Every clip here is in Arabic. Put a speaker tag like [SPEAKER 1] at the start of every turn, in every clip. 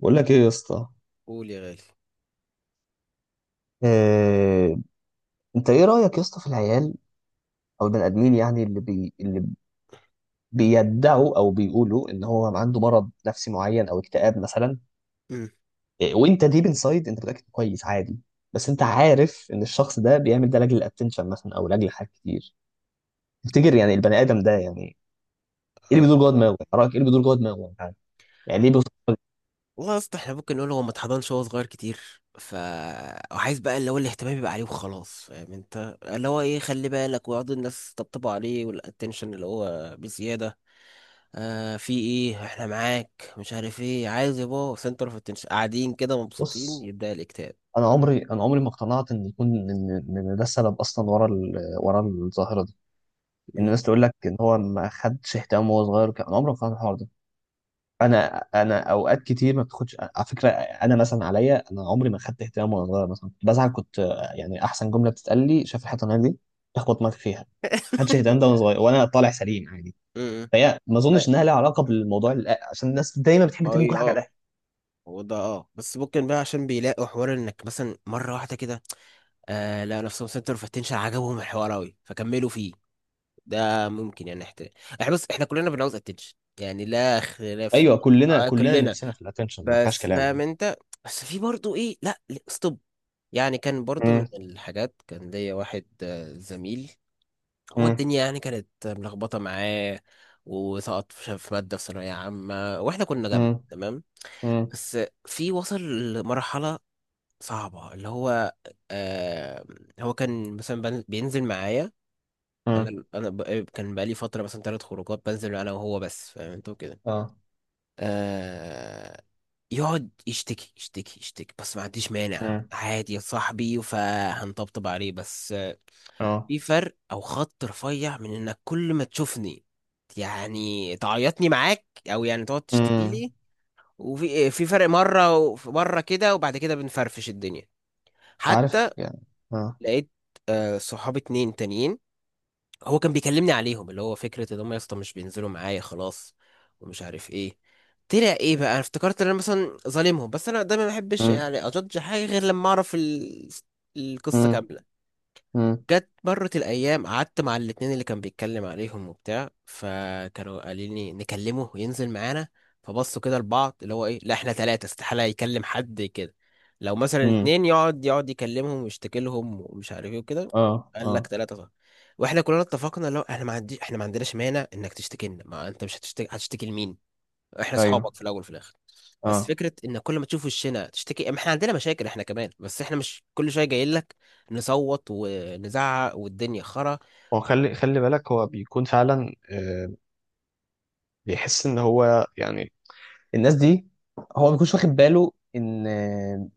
[SPEAKER 1] بقول لك ايه يا اسطى؟
[SPEAKER 2] قول يا غالي.
[SPEAKER 1] آه. انت ايه رأيك يا اسطى في العيال او البني ادمين؟ يعني اللي بيدعوا او بيقولوا ان هو عنده مرض نفسي معين او اكتئاب مثلا.
[SPEAKER 2] امم.
[SPEAKER 1] وانت ديب انسايد انت متأكد كويس عادي، بس انت عارف ان الشخص ده بيعمل ده لاجل الاتنشن مثلا او لاجل حاجات كتير. تفتكر يعني البني ادم ده يعني ايه
[SPEAKER 2] اه.
[SPEAKER 1] اللي بيدور جوه دماغه؟ يعني رأيك ايه اللي بيدور جوه دماغه يعني؟ يعني ليه بيفكر-
[SPEAKER 2] والله يا اسطى، احنا ممكن نقول هو ما اتحضنش وهو صغير كتير، ف وعايز بقى اللي هو الاهتمام يبقى عليه وخلاص. فاهم انت اللي هو ايه؟ خلي بالك ويقعدوا الناس تطبطبوا عليه، والاتنشن اللي هو بزياده. آه، في ايه؟ احنا معاك، مش عارف ايه عايز يا بابا، سنتر اوف اتنشن، قاعدين كده مبسوطين،
[SPEAKER 1] بص،
[SPEAKER 2] يبدا الاكتئاب.
[SPEAKER 1] انا عمري ما اقتنعت ان يكون ان إن ده السبب اصلا ورا الظاهرة دي. ان
[SPEAKER 2] امم.
[SPEAKER 1] الناس تقول لك ان هو ما خدش اهتمام وهو صغير، كان عمري ما فهمت الحوار ده. انا اوقات كتير ما بتاخدش على فكره، انا مثلا، عليا انا، عمري ما خدت اهتمام وانا صغير، مثلا بزعل كنت، يعني احسن جمله بتتقال لي شايف الحته دي، تخبط دماغك فيها. ما خدش اهتمام ده وانا صغير، وانا طالع سليم عادي.
[SPEAKER 2] امم.
[SPEAKER 1] فهي ما
[SPEAKER 2] ما
[SPEAKER 1] اظنش انها لها علاقه بالموضوع، عشان الناس دايما بتحب
[SPEAKER 2] ما هو
[SPEAKER 1] ترمي كل
[SPEAKER 2] إيه،
[SPEAKER 1] حاجه على
[SPEAKER 2] اه.
[SPEAKER 1] الاهل.
[SPEAKER 2] هو ده، اه، بس ممكن بقى عشان بيلاقوا حوار انك مثلا مره واحده كده آه، لا، نفسهم سنتر اوف اتنشن، عجبهم الحوار قوي، فكملوا. ده ممكن يعني احترام. احنا بص، احنا كلنا بنعوز اتنشن، يعني لا خلاف في
[SPEAKER 1] ايوه،
[SPEAKER 2] دي،
[SPEAKER 1] كلنا
[SPEAKER 2] آه،
[SPEAKER 1] كلنا
[SPEAKER 2] كلنا.
[SPEAKER 1] نفسنا في الاتنشن، ما فيهاش
[SPEAKER 2] بس فاهم
[SPEAKER 1] كلام.
[SPEAKER 2] انت؟ بس في برضو ايه، لا، ستوب. يعني كان برضو من
[SPEAKER 1] مم.
[SPEAKER 2] الحاجات، كان ليا واحد آه، زميل، هو
[SPEAKER 1] مم.
[SPEAKER 2] الدنيا يعني كانت ملخبطة معاه، وسقط في مادة في ثانوية عامة واحنا كنا جنب،
[SPEAKER 1] مم.
[SPEAKER 2] تمام؟
[SPEAKER 1] مم.
[SPEAKER 2] بس، في وصل لمرحلة صعبة اللي هو آه، هو كان مثلا بينزل معايا.
[SPEAKER 1] مم.
[SPEAKER 2] انا بقى كان بقالي فتره مثلا ثلاث خروجات بنزل انا وهو بس، فاهم انت كده.
[SPEAKER 1] اه.
[SPEAKER 2] آه، يقعد يشتكي يشتكي يشتكي، بس ما عنديش مانع،
[SPEAKER 1] مم.
[SPEAKER 2] عادي يا صاحبي، فهنطبطب عليه بس آه،
[SPEAKER 1] اه.
[SPEAKER 2] في فرق او خط رفيع من انك كل ما تشوفني يعني تعيطني معاك، او يعني تقعد تشتكي
[SPEAKER 1] مم.
[SPEAKER 2] لي. وفي فرق مره ومره كده، وبعد كده بنفرفش الدنيا. حتى
[SPEAKER 1] عارف يعني. اه.
[SPEAKER 2] لقيت آه، صحابي اتنين تانيين، هو كان بيكلمني عليهم، اللي هو فكرة ان هم يا اسطى مش بينزلوا معايا خلاص ومش عارف ايه، طلع ايه بقى؟ انا افتكرت ان انا مثلا ظالمهم، بس انا دايما ما بحبش يعني اجدج حاجة غير لما اعرف القصة
[SPEAKER 1] امم.
[SPEAKER 2] كاملة.
[SPEAKER 1] امم.
[SPEAKER 2] مرت الأيام، قعدت مع الاتنين اللي كان بيتكلم عليهم وبتاع، فكانوا قالين لي نكلمه وينزل معانا. فبصوا كده لبعض، اللي هو إيه، لا، إحنا تلاتة استحالة يكلم حد كده. لو مثلا
[SPEAKER 1] امم.
[SPEAKER 2] اتنين يقعد يكلمهم ويشتكي لهم ومش عارف إيه وكده.
[SPEAKER 1] اه.
[SPEAKER 2] قال لك،
[SPEAKER 1] اه.
[SPEAKER 2] تلاتة صح. واحنا كلنا اتفقنا، لو احنا ما عندناش مانع انك تشتكي لنا، ما انت مش هتشتكي، هتشتكي لمين؟ احنا
[SPEAKER 1] ايوه.
[SPEAKER 2] اصحابك في الاول وفي الاخر. بس
[SPEAKER 1] اه.
[SPEAKER 2] فكره ان كل ما تشوف وشنا تشتكي، ما احنا عندنا مشاكل، احنا كمان، بس احنا مش كل شويه جايين لك نصوت ونزعق والدنيا خرا.
[SPEAKER 1] هو خلي خلي بالك هو بيكون فعلا، بيحس ان هو يعني الناس دي. هو ما بيكونش واخد باله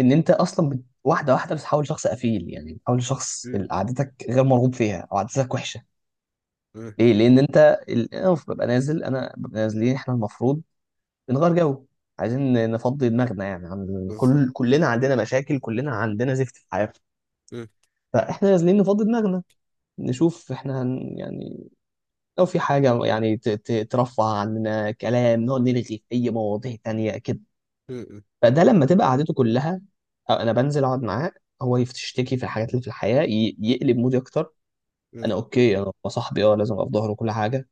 [SPEAKER 1] ان انت اصلا، واحده واحده بتتحول لشخص قفيل، يعني بتحول لشخص
[SPEAKER 2] مم.
[SPEAKER 1] ال- عادتك غير مرغوب فيها او عادتك وحشه.
[SPEAKER 2] مم.
[SPEAKER 1] ليه؟ لان انت، انا ببقى نازلين احنا، المفروض بنغير جو، عايزين نفضي دماغنا، يعني عن
[SPEAKER 2] بالظبط.
[SPEAKER 1] كل،
[SPEAKER 2] مم.
[SPEAKER 1] كلنا عندنا مشاكل، كلنا عندنا زفت في حياتنا. فاحنا نازلين نفضي دماغنا، نشوف احنا هن يعني لو في حاجة يعني ترفع عننا كلام، نقعد نلغي في أي مواضيع تانية كده.
[SPEAKER 2] مم. مم.
[SPEAKER 1] فده لما تبقى قعدته كلها. أو أنا بنزل أقعد معاه، هو يشتكي في الحاجات اللي في الحياة، يقلب مودي أكتر. أنا
[SPEAKER 2] مم.
[SPEAKER 1] أوكي، أنا صاحبي، لازم أبقى في ظهره كل حاجة،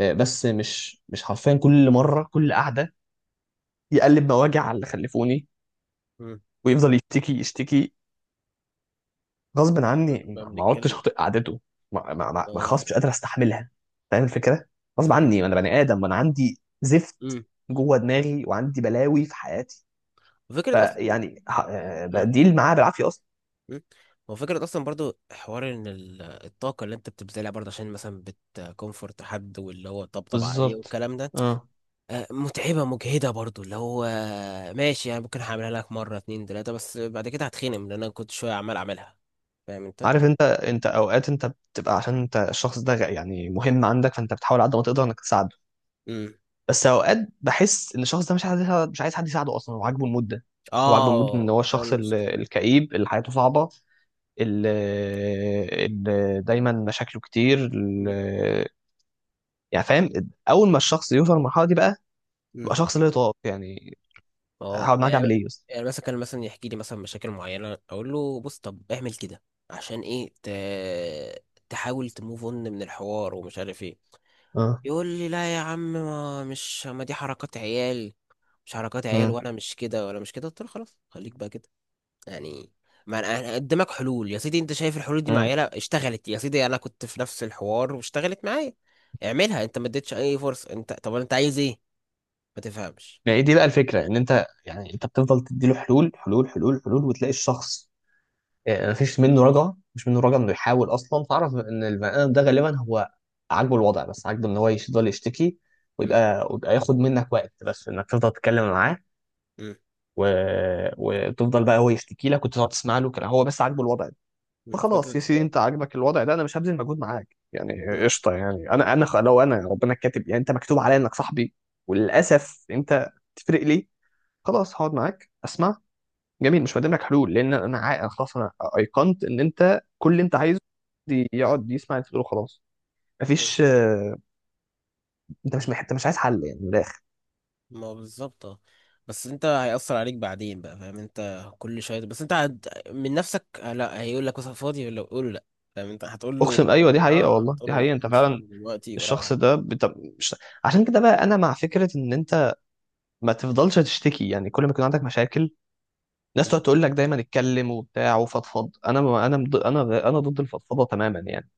[SPEAKER 1] بس مش حرفيا كل مرة، كل قعدة يقلب مواجع على اللي خلفوني
[SPEAKER 2] مم.
[SPEAKER 1] ويفضل يشتكي يشتكي. غصب
[SPEAKER 2] اه بقى،
[SPEAKER 1] عني،
[SPEAKER 2] بقى
[SPEAKER 1] ما عدتش
[SPEAKER 2] بنتكلم.
[SPEAKER 1] خاطئ قعدته. ما
[SPEAKER 2] اه.
[SPEAKER 1] خلاص، مش قادر استحملها. فاهم الفكره؟ غصب
[SPEAKER 2] انت كل.
[SPEAKER 1] عني، ما انا بني ادم وانا عندي زفت
[SPEAKER 2] مم.
[SPEAKER 1] جوه دماغي وعندي بلاوي في حياتي.
[SPEAKER 2] وفكره اصلا.
[SPEAKER 1] فيعني
[SPEAKER 2] ها.
[SPEAKER 1] بديل معاه بالعافيه اصلا.
[SPEAKER 2] مم. هو فكرة أصلا برضو، حوار إن الطاقة اللي أنت بتبذلها برضو عشان مثلا بتكونفورت حد واللي هو طبطب عليه
[SPEAKER 1] بالظبط.
[SPEAKER 2] والكلام ده
[SPEAKER 1] اه.
[SPEAKER 2] آه، متعبة مجهدة برضو، اللي هو آه، ماشي يعني، ممكن هعملها لك مرة، اتنين، تلاتة، بس بعد كده هتخنم، لأن أنا كنت شوية عمال أعملها. فاهم أنت؟
[SPEAKER 1] عارف انت اوقات انت بتبقى، عشان انت الشخص ده، يعني مهم عندك، فانت بتحاول على قد ما تقدر انك تساعده.
[SPEAKER 2] امم.
[SPEAKER 1] بس اوقات بحس ان الشخص ده مش عايز حد يساعده اصلا، هو عاجبه المده. هو عاجبه المده ان
[SPEAKER 2] اه.
[SPEAKER 1] هو
[SPEAKER 2] ما هي
[SPEAKER 1] الشخص،
[SPEAKER 2] المشكلة.
[SPEAKER 1] الكئيب اللي حياته صعبه، ال ال دايما مشاكله كتير.
[SPEAKER 2] أمم.
[SPEAKER 1] يعني فاهم، اول ما الشخص يوصل للمرحله دي بقى
[SPEAKER 2] أمم.
[SPEAKER 1] يبقى شخص لا يطاق يعني.
[SPEAKER 2] اه
[SPEAKER 1] هقعد معاك
[SPEAKER 2] يعني،
[SPEAKER 1] اعمل ايه يا اسطى؟
[SPEAKER 2] يعني مثلا كان مثلا يحكي لي مثلا مشاكل معينة، أقول له بص، طب اعمل كده عشان إيه تحاول تموف اون من الحوار ومش عارف إيه.
[SPEAKER 1] اه.
[SPEAKER 2] يقول لي لا يا عم، ما دي حركات عيال. مش حركات عيال،
[SPEAKER 1] امم.
[SPEAKER 2] وأنا مش كده ولا مش كده، قلت له خلاص، خليك بقى كده. يعني ما أنا قدامك حلول يا سيدي، انت شايف الحلول دي
[SPEAKER 1] امم.
[SPEAKER 2] معينه، اشتغلت يا سيدي، انا كنت في نفس الحوار واشتغلت معايا، اعملها انت، ما اديتش اي فرصه انت، طب انت عايز ايه؟ ما تفهمش.
[SPEAKER 1] يعني دي بقى الفكره، ان انت بتفضل تديله حلول حلول حلول حلول، وتلاقي الشخص، مفيش منه رجعه مش منه رجعه انه يحاول اصلا. تعرف ان البني ادم ده غالبا هو عاجبه الوضع، بس عاجبه ان هو يفضل يشتكي،
[SPEAKER 2] مم.
[SPEAKER 1] ويبقى ياخد منك وقت بس انك تفضل تتكلم معاه،
[SPEAKER 2] مم.
[SPEAKER 1] و... وتفضل بقى هو يشتكي لك وتقعد تسمع له كده، هو بس عاجبه الوضع ده.
[SPEAKER 2] مم.
[SPEAKER 1] فخلاص
[SPEAKER 2] فكره.
[SPEAKER 1] يا سيدي، انت عاجبك الوضع ده، انا مش هبذل مجهود معاك يعني.
[SPEAKER 2] مم.
[SPEAKER 1] قشطه يعني، لو انا ربنا كاتب يعني انت مكتوب عليا انك صاحبي، وللاسف انت تفرق لي، خلاص هقعد معاك اسمع. جميل، مش هقدم لك حلول، لان أنا خلاص انا ايقنت ان انت كل اللي انت عايزه دي
[SPEAKER 2] مم.
[SPEAKER 1] يقعد يسمع اللي تقوله. خلاص،
[SPEAKER 2] مم.
[SPEAKER 1] مفيش. انت مش عايز حل يعني من الاخر.
[SPEAKER 2] ما هو بالظبط، اه. بس انت هيأثر عليك بعدين بقى، فاهم انت، كل شويه، بس انت من نفسك آه، لا، هيقول لك مثلا فاضي، ولا قول له لا، فاهم انت هتقول
[SPEAKER 1] اقسم،
[SPEAKER 2] له،
[SPEAKER 1] ايوه دي حقيقه،
[SPEAKER 2] اه،
[SPEAKER 1] والله
[SPEAKER 2] هتقول
[SPEAKER 1] دي
[SPEAKER 2] له لا،
[SPEAKER 1] حقيقه، انت
[SPEAKER 2] مش
[SPEAKER 1] فعلا
[SPEAKER 2] فاضي دلوقتي ورايح.
[SPEAKER 1] الشخص ده، مش... عشان كده بقى انا مع فكره ان انت ما تفضلش تشتكي، يعني كل ما يكون عندك مشاكل الناس
[SPEAKER 2] مم.
[SPEAKER 1] تقعد تقول لك دايما اتكلم وبتاع وفضفض، انا انا مض- انا انا ضد الفضفضه تماما يعني.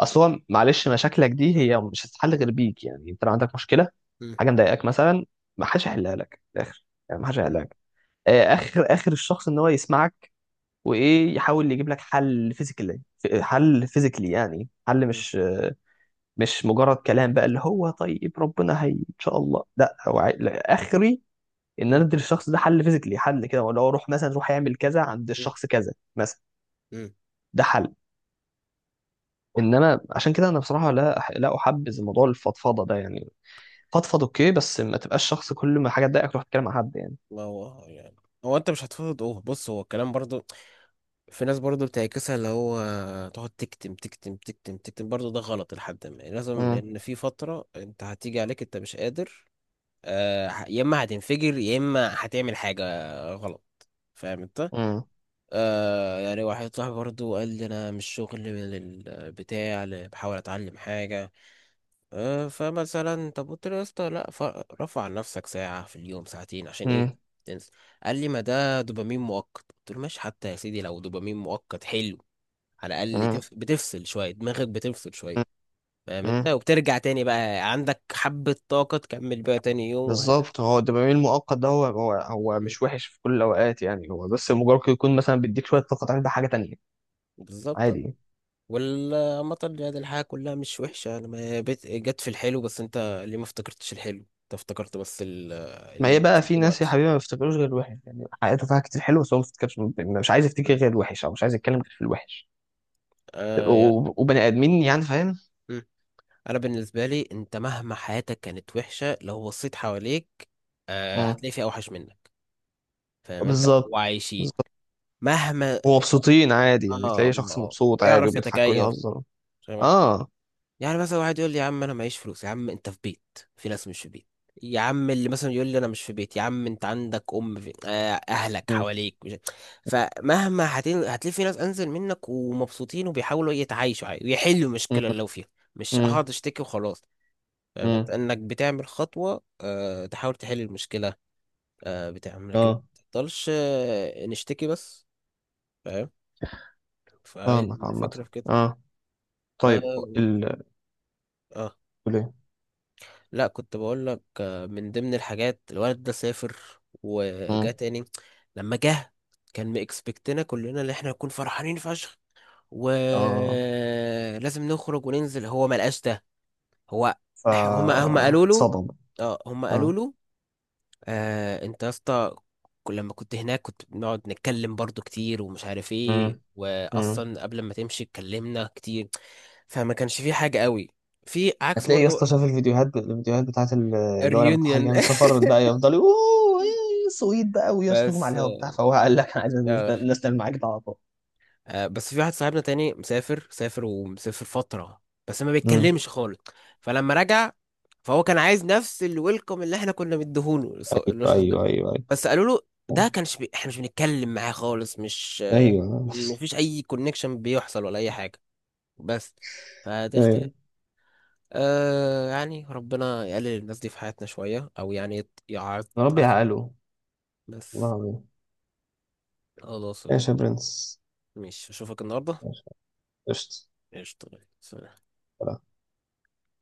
[SPEAKER 1] اصل هو معلش، مشاكلك دي هي مش هتتحل غير بيك، يعني انت لو عندك مشكله،
[SPEAKER 2] مم.
[SPEAKER 1] حاجه مضايقاك مثلا، ما حدش هيحلها لك في الاخر، يعني ما حدش
[SPEAKER 2] مم.
[SPEAKER 1] هيحلها لك. اخر اخر الشخص ان هو يسمعك وايه، يحاول يجيب لك حل فيزيكالي، حل فيزيكالي، يعني حل مش مجرد كلام بقى، اللي هو طيب ربنا هي ان شاء الله. لا، هو لا، اخري ان انا
[SPEAKER 2] مم.
[SPEAKER 1] ادي للشخص ده حل فيزيكلي، حل كده، ولا هو روح مثلا، روح يعمل كذا عند
[SPEAKER 2] مم.
[SPEAKER 1] الشخص كذا مثلا،
[SPEAKER 2] مم.
[SPEAKER 1] ده حل. انما عشان كده انا بصراحه لا احبذ موضوع الفضفضه ده يعني. فضفض اوكي، بس ما تبقاش شخص كل ما حاجه تضايقك تروح تتكلم مع حد يعني.
[SPEAKER 2] ما هو يعني هو انت مش هتفرض، اوه بص، هو الكلام برضو في ناس برضو بتعكسها، اللي هو تقعد تكتم تكتم تكتم تكتم برضو ده غلط، لحد ما يعني لازم،
[SPEAKER 1] امم.
[SPEAKER 2] لان في فترة انت هتيجي عليك انت مش قادر، آه، يا اما هتنفجر يا اما هتعمل حاجة غلط. فاهم انت؟
[SPEAKER 1] امم.
[SPEAKER 2] آه يعني، واحد صاحبي برضو قال لي انا مش شغل من البتاع اللي بحاول اتعلم حاجة آه، فمثلا طب قلت له يا اسطى، لا، رفع عن نفسك ساعة في اليوم، ساعتين، عشان ايه؟
[SPEAKER 1] امم.
[SPEAKER 2] تنسى. قال لي، ما ده دوبامين مؤقت. قلت له ماشي، حتى يا سيدي لو دوبامين مؤقت، حلو، على الأقل
[SPEAKER 1] امم.
[SPEAKER 2] بتفصل شوية دماغك، بتفصل شوية، فاهم انت،
[SPEAKER 1] امم.
[SPEAKER 2] وبترجع تاني بقى عندك حبة طاقة، تكمل بقى تاني يوم، وهكذا.
[SPEAKER 1] بالظبط، هو الدوبامين المؤقت ده هو
[SPEAKER 2] م.
[SPEAKER 1] مش وحش في كل الاوقات يعني، هو بس مجرد يكون مثلا بيديك شويه طاقه تعمل بيها حاجه تانيه
[SPEAKER 2] بالظبط.
[SPEAKER 1] عادي.
[SPEAKER 2] والعامة يعني الحياة كلها مش وحشة، انا ما بت- جت في الحلو بس، انت ليه ما افتكرتش الحلو؟ انت افتكرت بس
[SPEAKER 1] ما
[SPEAKER 2] اللي
[SPEAKER 1] هي بقى
[SPEAKER 2] بيحصل
[SPEAKER 1] في ناس يا
[SPEAKER 2] دلوقتي.
[SPEAKER 1] حبيبي ما بيفتكروش غير الوحش، يعني حياته فيها كتير حلو بس هو ما بيفتكرش، يعني مش عايز يفتكر
[SPEAKER 2] م.
[SPEAKER 1] غير الوحش، او مش عايز يتكلم غير في الوحش
[SPEAKER 2] آه يعني،
[SPEAKER 1] و- وبني ادمين، يعني فاهم.
[SPEAKER 2] انا بالنسبه لي انت مهما حياتك كانت وحشه، لو بصيت حواليك آه،
[SPEAKER 1] مم.
[SPEAKER 2] هتلاقي في اوحش منك، فاهم انت؟
[SPEAKER 1] بالظبط.
[SPEAKER 2] وعايشين.
[SPEAKER 1] بالظبط.
[SPEAKER 2] مهما.
[SPEAKER 1] ومبسوطين عادي،
[SPEAKER 2] اه،
[SPEAKER 1] يعني
[SPEAKER 2] اه،
[SPEAKER 1] تلاقي شخص
[SPEAKER 2] آه.
[SPEAKER 1] مبسوط عادي
[SPEAKER 2] ويعرف
[SPEAKER 1] وبيضحك
[SPEAKER 2] يتكيف.
[SPEAKER 1] ويهزر.
[SPEAKER 2] فاهم أنت؟
[SPEAKER 1] اه.
[SPEAKER 2] يعني مثلا واحد يقول لي يا عم انا معيش فلوس، يا عم انت في بيت، في ناس مش في بيت. يا عم اللي مثلا يقول لي انا مش في بيت، يا عم انت عندك ام، في اهلك
[SPEAKER 1] مم.
[SPEAKER 2] حواليك مش... فمهما هتلاقي في ناس انزل منك ومبسوطين، وبيحاولوا يتعايشوا عادي، ويحلوا
[SPEAKER 1] مم.
[SPEAKER 2] المشكله اللي لو فيها، مش
[SPEAKER 1] مم.
[SPEAKER 2] هقعد اشتكي وخلاص. فاهم انت؟
[SPEAKER 1] مم.
[SPEAKER 2] انك بتعمل خطوة، تحاول تحل المشكلة، بتعمل، لكن ما
[SPEAKER 1] اه.
[SPEAKER 2] تفضلش نشتكي بس. فاهم؟
[SPEAKER 1] فاهمك عامة.
[SPEAKER 2] فالفكرة في كده.
[SPEAKER 1] اه. طيب.
[SPEAKER 2] اه.
[SPEAKER 1] ال
[SPEAKER 2] آه.
[SPEAKER 1] تقول ايه؟
[SPEAKER 2] لا، كنت بقول لك من ضمن الحاجات، الولد ده سافر وجا
[SPEAKER 1] مم.
[SPEAKER 2] تاني. لما جه، كان مكسبكتنا كلنا ان احنا نكون فرحانين فشخ
[SPEAKER 1] اه.
[SPEAKER 2] ولازم نخرج وننزل، هو ما لقاش ده. هو، هما قالوا له،
[SPEAKER 1] فاتصدم.
[SPEAKER 2] اه، هما قالوا
[SPEAKER 1] اه.
[SPEAKER 2] له آه، انت يا اسطى لما كنت هناك كنت بنقعد نتكلم برضو كتير ومش عارف ايه،
[SPEAKER 1] مم. مم.
[SPEAKER 2] واصلا قبل ما تمشي اتكلمنا كتير، فما كانش في حاجة قوي، في عكس
[SPEAKER 1] هتلاقي يا
[SPEAKER 2] برضو.
[SPEAKER 1] اسطى شاف الفيديوهات بتاعت اللي هو لما كان حد
[SPEAKER 2] الريونيون
[SPEAKER 1] جاي من السفر بقى يفضل يقول اوه إيه، سويت بقى، ويصرخهم على
[SPEAKER 2] بس
[SPEAKER 1] الهوا بتاع، فهو قال لك انا عايز الناس
[SPEAKER 2] آه،
[SPEAKER 1] الناس تعمل معاك ده على طول.
[SPEAKER 2] آه، بس في واحد صاحبنا تاني، مسافر، سافر ومسافر فترة، بس ما
[SPEAKER 1] امم.
[SPEAKER 2] بيتكلمش خالص. فلما رجع، فهو كان عايز نفس الويلكم اللي احنا كنا مديهوله
[SPEAKER 1] ايوه
[SPEAKER 2] للشخص.
[SPEAKER 1] ايوه ايوه.
[SPEAKER 2] بس قالوا له، ده احنا مش بنتكلم معاه خالص، مش آه،
[SPEAKER 1] ايوه
[SPEAKER 2] مفيش اي كونكشن بيحصل ولا اي حاجه، بس. فدي اختلاف.
[SPEAKER 1] ايوه.
[SPEAKER 2] آه يعني، ربنا يقلل الناس دي في حياتنا شويه، او يعني
[SPEAKER 1] يا رب
[SPEAKER 2] عط-
[SPEAKER 1] يعقله، والله
[SPEAKER 2] بس
[SPEAKER 1] العظيم.
[SPEAKER 2] خلاص.
[SPEAKER 1] ماشي يا برنس.
[SPEAKER 2] مش اشوفك النهارده.
[SPEAKER 1] ماشي. قشطة.
[SPEAKER 2] قشطة، سلام.